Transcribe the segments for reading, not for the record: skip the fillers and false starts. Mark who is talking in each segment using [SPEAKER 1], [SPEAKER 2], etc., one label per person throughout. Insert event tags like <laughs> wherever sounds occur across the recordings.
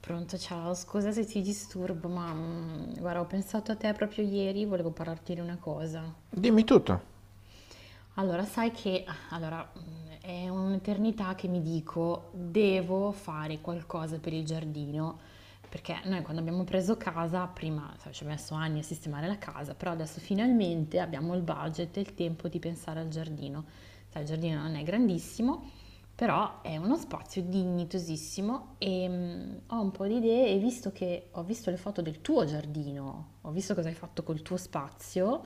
[SPEAKER 1] Pronto, ciao, scusa se ti disturbo, ma guarda, ho pensato a te proprio ieri, volevo parlarti di una cosa.
[SPEAKER 2] Dimmi tutto.
[SPEAKER 1] Allora, sai che allora, è un'eternità che mi dico: "Devo fare qualcosa per il giardino", perché noi quando abbiamo preso casa prima, sai, ci ho messo anni a sistemare la casa, però adesso finalmente abbiamo il budget e il tempo di pensare al giardino. Sai, il giardino non è grandissimo, però è uno spazio dignitosissimo, ho un po' di idee e visto che ho visto le foto del tuo giardino, ho visto cosa hai fatto col tuo spazio,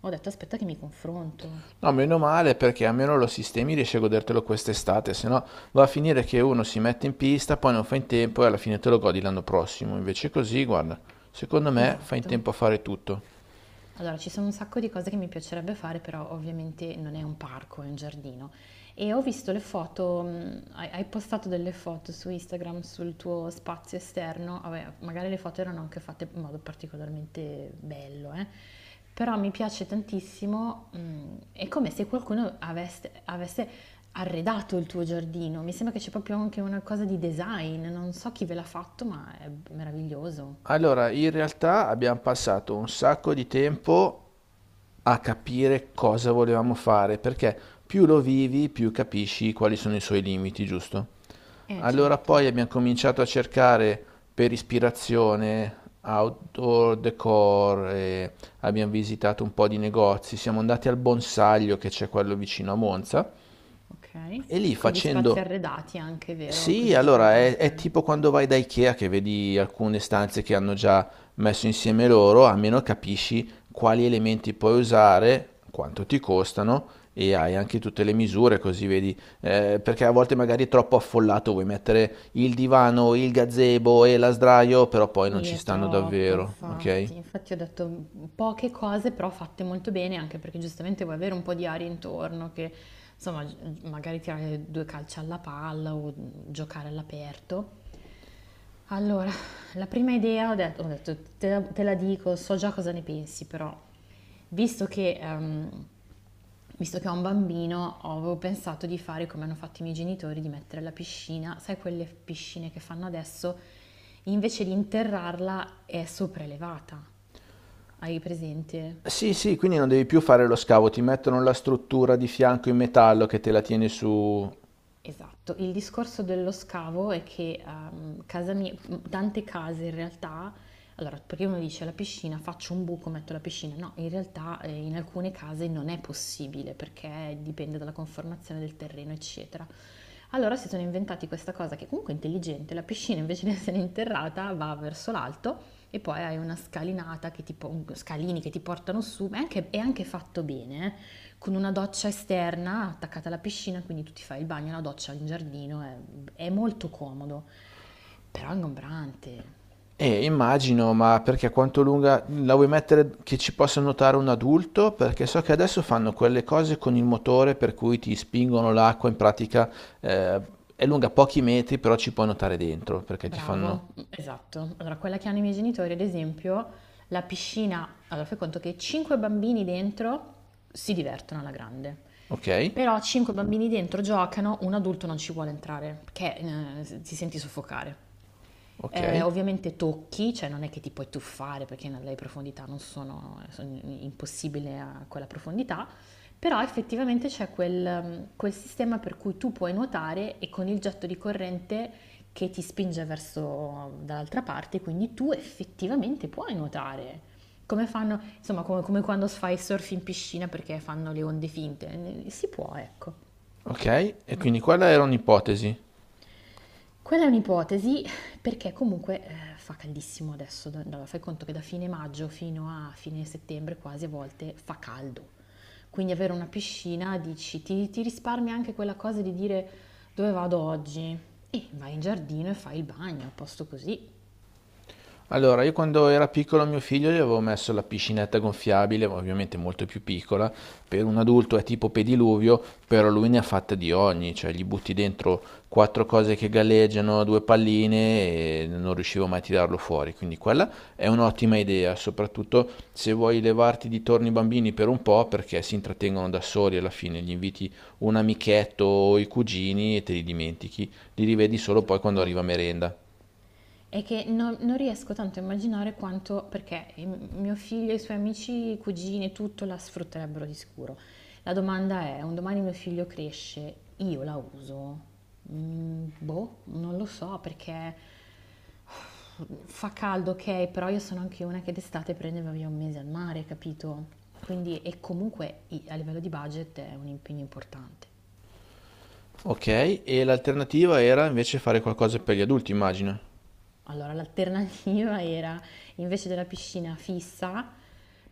[SPEAKER 1] ho detto: "Aspetta che mi confronto".
[SPEAKER 2] No, meno male perché almeno lo sistemi riesci a godertelo quest'estate, se no va a finire che uno si mette in pista, poi non fa in tempo e alla fine te lo godi l'anno prossimo. Invece così, guarda, secondo me fa in
[SPEAKER 1] Esatto.
[SPEAKER 2] tempo a fare tutto.
[SPEAKER 1] Allora, ci sono un sacco di cose che mi piacerebbe fare, però ovviamente non è un parco, è un giardino. E ho visto le foto, hai postato delle foto su Instagram sul tuo spazio esterno, vabbè, magari le foto erano anche fatte in modo particolarmente bello, eh. Però mi piace tantissimo, è come se qualcuno avesse arredato il tuo giardino, mi sembra che c'è proprio anche una cosa di design, non so chi ve l'ha fatto, ma è meraviglioso.
[SPEAKER 2] Allora, in realtà abbiamo passato un sacco di tempo a capire cosa volevamo fare, perché più lo vivi, più capisci quali sono i suoi limiti, giusto? Allora
[SPEAKER 1] Certo.
[SPEAKER 2] poi abbiamo cominciato a cercare per ispirazione outdoor decor, e abbiamo visitato un po' di negozi, siamo andati al Bonsaglio che c'è quello vicino a Monza e lì
[SPEAKER 1] Ok. Con gli spazi arredati anche, vero?
[SPEAKER 2] Sì,
[SPEAKER 1] Così ti fa,
[SPEAKER 2] allora
[SPEAKER 1] ah,
[SPEAKER 2] è
[SPEAKER 1] ok.
[SPEAKER 2] tipo quando vai da Ikea che vedi alcune stanze che hanno già messo insieme loro, almeno capisci quali elementi puoi usare, quanto ti costano e hai anche tutte le misure così vedi, perché a volte magari è troppo affollato, vuoi mettere il divano, il gazebo e la sdraio, però poi non
[SPEAKER 1] Sì,
[SPEAKER 2] ci
[SPEAKER 1] è
[SPEAKER 2] stanno
[SPEAKER 1] troppo,
[SPEAKER 2] davvero, ok?
[SPEAKER 1] infatti. Infatti ho detto poche cose, però fatte molto bene, anche perché giustamente vuoi avere un po' di aria intorno, che insomma, magari tirare due calci alla palla o giocare all'aperto. Allora, la prima idea ho detto, te la dico, so già cosa ne pensi, però visto che, ehm, visto che ho un bambino, avevo pensato di fare come hanno fatto i miei genitori, di mettere la piscina, sai quelle piscine che fanno adesso, invece di interrarla è sopraelevata, hai presente?
[SPEAKER 2] Sì, sì, quindi non devi più fare lo scavo, ti mettono la struttura di fianco in metallo che te la tiene su.
[SPEAKER 1] Esatto, il discorso dello scavo è che casa mia, tante case in realtà, allora perché uno dice la piscina, faccio un buco, metto la piscina, no, in realtà in alcune case non è possibile perché dipende dalla conformazione del terreno, eccetera. Allora si sono inventati questa cosa che comunque è intelligente, la piscina invece di essere interrata va verso l'alto e poi hai una scalinata che scalini che ti portano su, ma è anche fatto bene, con una doccia esterna attaccata alla piscina, quindi tu ti fai il bagno, la doccia in giardino, è molto comodo, però è ingombrante.
[SPEAKER 2] Immagino, ma perché quanto lunga la vuoi mettere che ci possa nuotare un adulto? Perché so che adesso fanno quelle cose con il motore per cui ti spingono l'acqua, in pratica eh, è lunga pochi metri, però ci puoi nuotare dentro, perché ti
[SPEAKER 1] Bravo, esatto. Allora, quella che hanno i miei genitori, ad esempio, la piscina, allora fai conto che 5 bambini dentro si divertono alla grande,
[SPEAKER 2] Ok,
[SPEAKER 1] però 5 bambini dentro giocano, un adulto non ci vuole entrare perché ti senti soffocare.
[SPEAKER 2] ok,
[SPEAKER 1] Ovviamente tocchi, cioè non è che ti puoi tuffare perché le profondità non sono, sono impossibile a quella profondità, però effettivamente c'è quel sistema per cui tu puoi nuotare e con il getto di corrente che ti spinge verso dall'altra parte, quindi tu effettivamente puoi nuotare. Come fanno, insomma, come quando fai surf in piscina perché fanno le onde finte, si può, ecco.
[SPEAKER 2] ok, e quindi quella era un'ipotesi.
[SPEAKER 1] Quella è un'ipotesi perché comunque fa caldissimo adesso, fai conto che da fine maggio fino a fine settembre quasi a volte fa caldo. Quindi avere una piscina dici, ti risparmia anche quella cosa di dire dove vado oggi e vai in giardino e fai il bagno, a posto così.
[SPEAKER 2] Allora, io quando era piccolo a mio figlio gli avevo messo la piscinetta gonfiabile, ovviamente molto più piccola, per un adulto è tipo pediluvio, però lui ne ha fatta di ogni, cioè gli butti dentro quattro cose che galleggiano, due palline e non riuscivo mai a tirarlo fuori, quindi quella è un'ottima idea, soprattutto se vuoi levarti di torno i bambini per un po' perché si intrattengono da soli alla fine, gli inviti un amichetto o i cugini e te li dimentichi, li rivedi solo poi quando
[SPEAKER 1] Esatto.
[SPEAKER 2] arriva merenda.
[SPEAKER 1] È che non riesco tanto a immaginare quanto, perché mio figlio e i suoi amici, i cugini, tutto la sfrutterebbero di sicuro. La domanda è, un domani mio figlio cresce, io la uso? Boh, non lo so perché fa caldo, ok, però io sono anche una che d'estate prendeva via un mese al mare, capito? Quindi, e comunque a livello di budget è un impegno importante.
[SPEAKER 2] Ok, e l'alternativa era invece fare qualcosa per gli adulti, immagino.
[SPEAKER 1] Allora, l'alternativa <laughs> era invece della piscina fissa,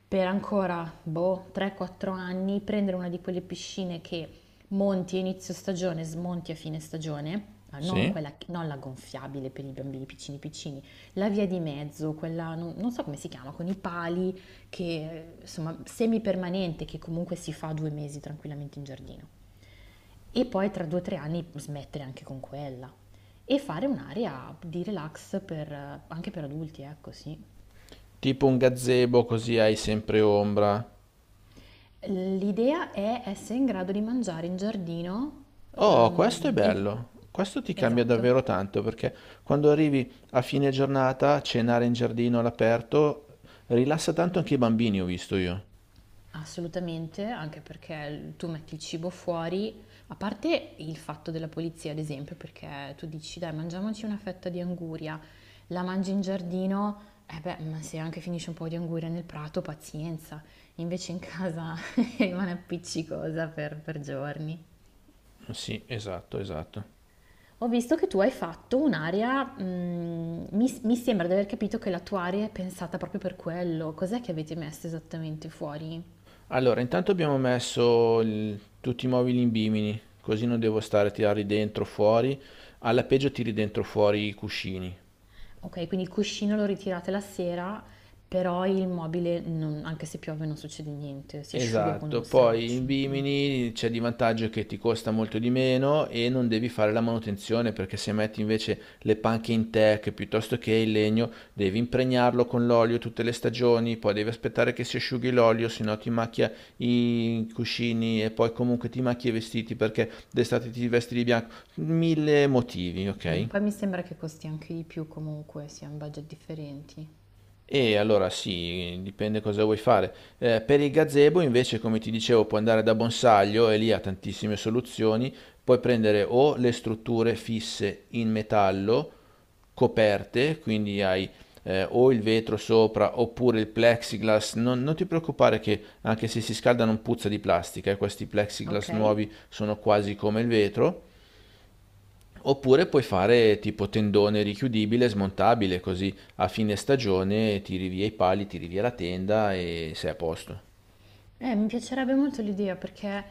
[SPEAKER 1] per ancora boh, 3-4 anni, prendere una di quelle piscine che monti a inizio stagione, smonti a fine stagione, non,
[SPEAKER 2] Sì?
[SPEAKER 1] quella, non la gonfiabile per i bambini piccini piccini, la via di mezzo, quella non so come si chiama, con i pali, che insomma semipermanente, che comunque si fa 2 mesi tranquillamente in giardino e poi tra 2 o 3 anni smettere anche con quella e fare un'area di relax anche per adulti, ecco sì.
[SPEAKER 2] Tipo un gazebo così hai sempre ombra.
[SPEAKER 1] L'idea è essere in grado di mangiare in giardino,
[SPEAKER 2] Oh, questo è
[SPEAKER 1] ehm, i-
[SPEAKER 2] bello. Questo ti cambia
[SPEAKER 1] esatto.
[SPEAKER 2] davvero tanto perché quando arrivi a fine giornata, cenare in giardino all'aperto, rilassa tanto anche i bambini, ho visto io.
[SPEAKER 1] Assolutamente, anche perché tu metti il cibo fuori, a parte il fatto della polizia, ad esempio, perché tu dici, dai, mangiamoci una fetta di anguria, la mangi in giardino, e beh, ma se anche finisce un po' di anguria nel prato, pazienza, invece in casa <laughs> rimane appiccicosa per giorni.
[SPEAKER 2] Sì, esatto, esatto.
[SPEAKER 1] Ho visto che tu hai fatto un'area, mi sembra di aver capito che la tua area è pensata proprio per quello, cos'è che avete messo esattamente fuori?
[SPEAKER 2] Allora, intanto abbiamo messo tutti i mobili in bimini, così non devo stare a tirarli dentro, fuori. Alla peggio tiri dentro fuori i cuscini.
[SPEAKER 1] Okay, quindi il cuscino lo ritirate la sera, però il mobile non anche se piove non succede niente, si asciuga con
[SPEAKER 2] Esatto,
[SPEAKER 1] uno
[SPEAKER 2] poi in
[SPEAKER 1] straccio.
[SPEAKER 2] Bimini c'è di vantaggio che ti costa molto di meno e non devi fare la manutenzione perché se metti invece le panche in teak piuttosto che il legno devi impregnarlo con l'olio tutte le stagioni, poi devi aspettare che si asciughi l'olio, se no ti macchia i cuscini e poi comunque ti macchia i vestiti perché d'estate ti vesti di bianco, mille motivi, ok?
[SPEAKER 1] Poi mi sembra che costi anche di più comunque, sia in budget differenti.
[SPEAKER 2] E allora sì, dipende cosa vuoi fare. Per il gazebo invece, come ti dicevo, puoi andare da Bonsaglio e lì ha tantissime soluzioni. Puoi prendere o le strutture fisse in metallo, coperte, quindi hai o il vetro sopra oppure il plexiglass. Non ti preoccupare che anche se si scalda non puzza di plastica, questi plexiglass
[SPEAKER 1] Okay.
[SPEAKER 2] nuovi sono quasi come il vetro. Oppure puoi fare tipo tendone richiudibile, smontabile, così a fine stagione tiri via i pali, tiri via la tenda e sei a posto.
[SPEAKER 1] Mi piacerebbe molto l'idea perché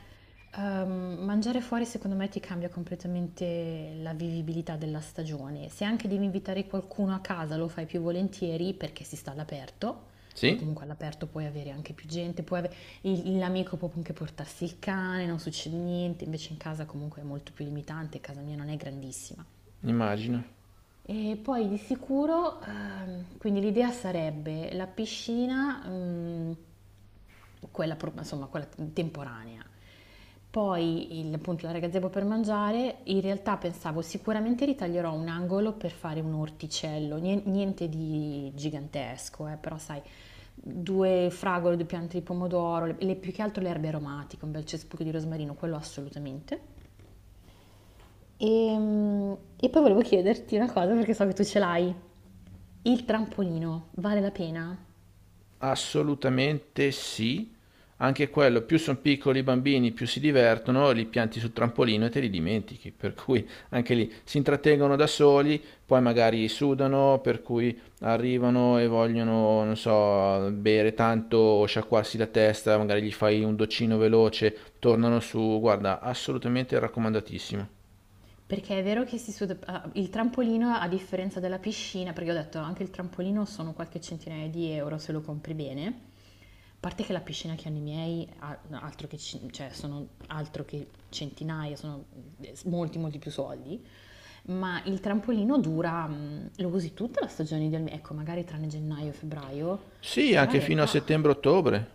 [SPEAKER 1] mangiare fuori secondo me ti cambia completamente la vivibilità della stagione. Se anche devi invitare qualcuno a casa lo fai più volentieri perché si sta all'aperto, che
[SPEAKER 2] Sì?
[SPEAKER 1] comunque all'aperto puoi avere anche più gente, l'amico può anche portarsi il cane, non succede niente, invece in casa comunque è molto più limitante, casa mia non è grandissima.
[SPEAKER 2] Immagino.
[SPEAKER 1] E poi di sicuro, quindi l'idea sarebbe la piscina, quella, insomma, quella temporanea. Poi il, appunto l'area gazebo per mangiare, in realtà pensavo sicuramente ritaglierò un angolo per fare un orticello, niente di gigantesco, però sai, due fragole, due piante di pomodoro, più che altro le erbe aromatiche, un bel cespuglio di rosmarino, quello assolutamente. E, mm, e poi volevo chiederti una cosa perché so che tu ce l'hai. Il trampolino vale la pena?
[SPEAKER 2] Assolutamente sì. Anche quello, più sono piccoli i bambini, più si divertono, li pianti sul trampolino e te li dimentichi, per cui anche lì si intrattengono da soli, poi magari sudano, per cui arrivano e vogliono, non so, bere tanto o sciacquarsi la testa, magari gli fai un doccino veloce, tornano su, guarda, assolutamente raccomandatissimo.
[SPEAKER 1] Perché è vero che si suda, il trampolino, a differenza della piscina, perché ho detto anche il trampolino sono qualche centinaia di euro se lo compri bene. A parte che la piscina che hanno i miei, altro che, cioè, sono altro che centinaia, sono molti più soldi. Ma il trampolino dura, lo usi tutta la stagione del mese, ecco, magari tranne gennaio e febbraio,
[SPEAKER 2] Sì,
[SPEAKER 1] però in
[SPEAKER 2] anche fino a
[SPEAKER 1] realtà,
[SPEAKER 2] settembre-ottobre.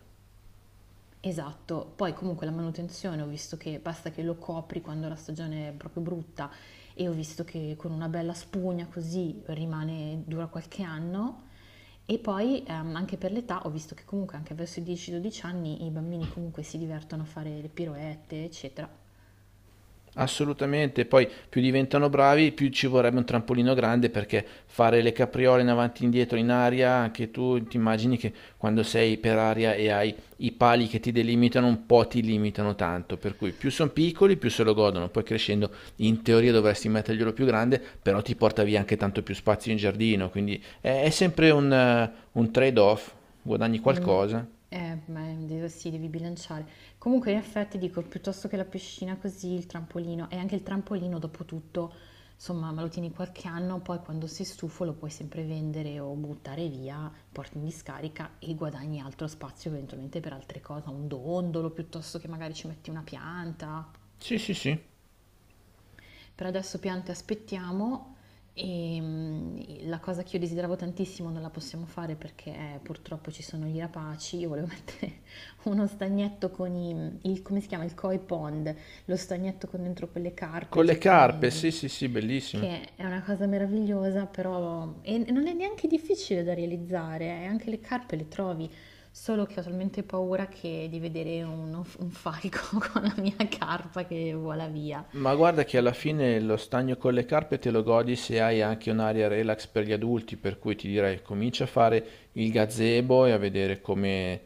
[SPEAKER 1] esatto, poi comunque la manutenzione ho visto che basta che lo copri quando la stagione è proprio brutta e ho visto che con una bella spugna così rimane, dura qualche anno e poi anche per l'età ho visto che comunque anche verso i 10-12 anni i bambini comunque si divertono a fare le piroette, eccetera.
[SPEAKER 2] Assolutamente, poi più diventano bravi, più ci vorrebbe un trampolino grande perché fare le capriole in avanti e indietro in aria, anche tu ti immagini che quando sei per aria e hai i pali che ti delimitano un po' ti limitano tanto, per cui più sono piccoli più se lo godono, poi crescendo in teoria dovresti metterglielo più grande, però ti porta via anche tanto più spazio in giardino, quindi è sempre un trade-off, guadagni
[SPEAKER 1] Ehm,
[SPEAKER 2] qualcosa.
[SPEAKER 1] beh, sì, devi bilanciare. Comunque, in effetti, dico, piuttosto che la piscina così, il trampolino, e anche il trampolino, dopo tutto, insomma, me lo tieni qualche anno, poi quando sei stufo lo puoi sempre vendere o buttare via, porti in discarica e guadagni altro spazio eventualmente per altre cose, un dondolo, piuttosto che magari ci metti una pianta.
[SPEAKER 2] Sì, sì, sì.
[SPEAKER 1] Per adesso piante aspettiamo e la cosa che io desideravo tantissimo non la possiamo fare perché purtroppo ci sono gli rapaci. Io volevo <laughs> mettere uno stagnetto con come si chiama? Il koi pond, lo stagnetto con dentro quelle carpe
[SPEAKER 2] Con le carpe,
[SPEAKER 1] giapponesi,
[SPEAKER 2] sì, sì, sì, bellissimo.
[SPEAKER 1] che è una cosa meravigliosa, però e non è neanche difficile da realizzare, anche le carpe le trovi, solo che ho talmente paura che di vedere un falco <laughs> con la mia carpa che vola via.
[SPEAKER 2] Ma guarda che alla fine lo stagno con le carpe te lo godi se hai anche un'area relax per gli adulti, per cui ti direi comincia a fare il gazebo e a vedere come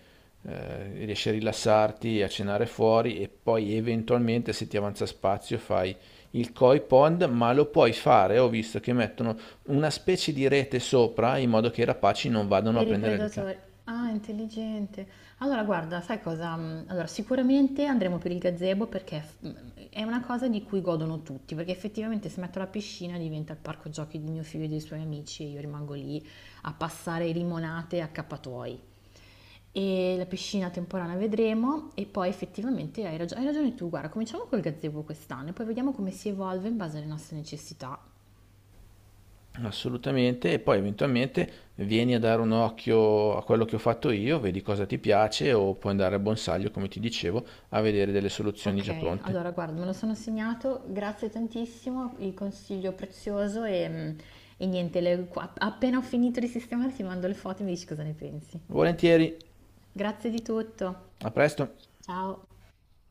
[SPEAKER 2] eh, riesci a rilassarti, a cenare fuori e poi eventualmente se ti avanza spazio fai il koi pond, ma lo puoi fare, ho visto che mettono una specie di rete sopra in modo che i rapaci non vadano a
[SPEAKER 1] Per i
[SPEAKER 2] prendere le carpe.
[SPEAKER 1] predatori. Ah, intelligente. Allora, guarda, sai cosa? Allora, sicuramente andremo per il gazebo perché è una cosa di cui godono tutti, perché effettivamente se metto la piscina diventa il parco giochi di mio figlio e dei suoi amici e io rimango lì a passare limonate a accappatoi. E la piscina temporanea vedremo e poi effettivamente hai ragione tu, guarda, cominciamo col gazebo quest'anno e poi vediamo come si evolve in base alle nostre necessità.
[SPEAKER 2] Assolutamente, e poi eventualmente vieni a dare un occhio a quello che ho fatto io, vedi cosa ti piace o puoi andare a Bonsaglio, come ti dicevo, a vedere delle soluzioni già
[SPEAKER 1] Ok,
[SPEAKER 2] pronte.
[SPEAKER 1] allora guarda, me lo sono segnato, grazie tantissimo, il consiglio prezioso e niente, appena ho finito di sistemare ti mando le foto e mi dici cosa ne pensi.
[SPEAKER 2] Volentieri,
[SPEAKER 1] Grazie di tutto,
[SPEAKER 2] a presto!
[SPEAKER 1] ciao!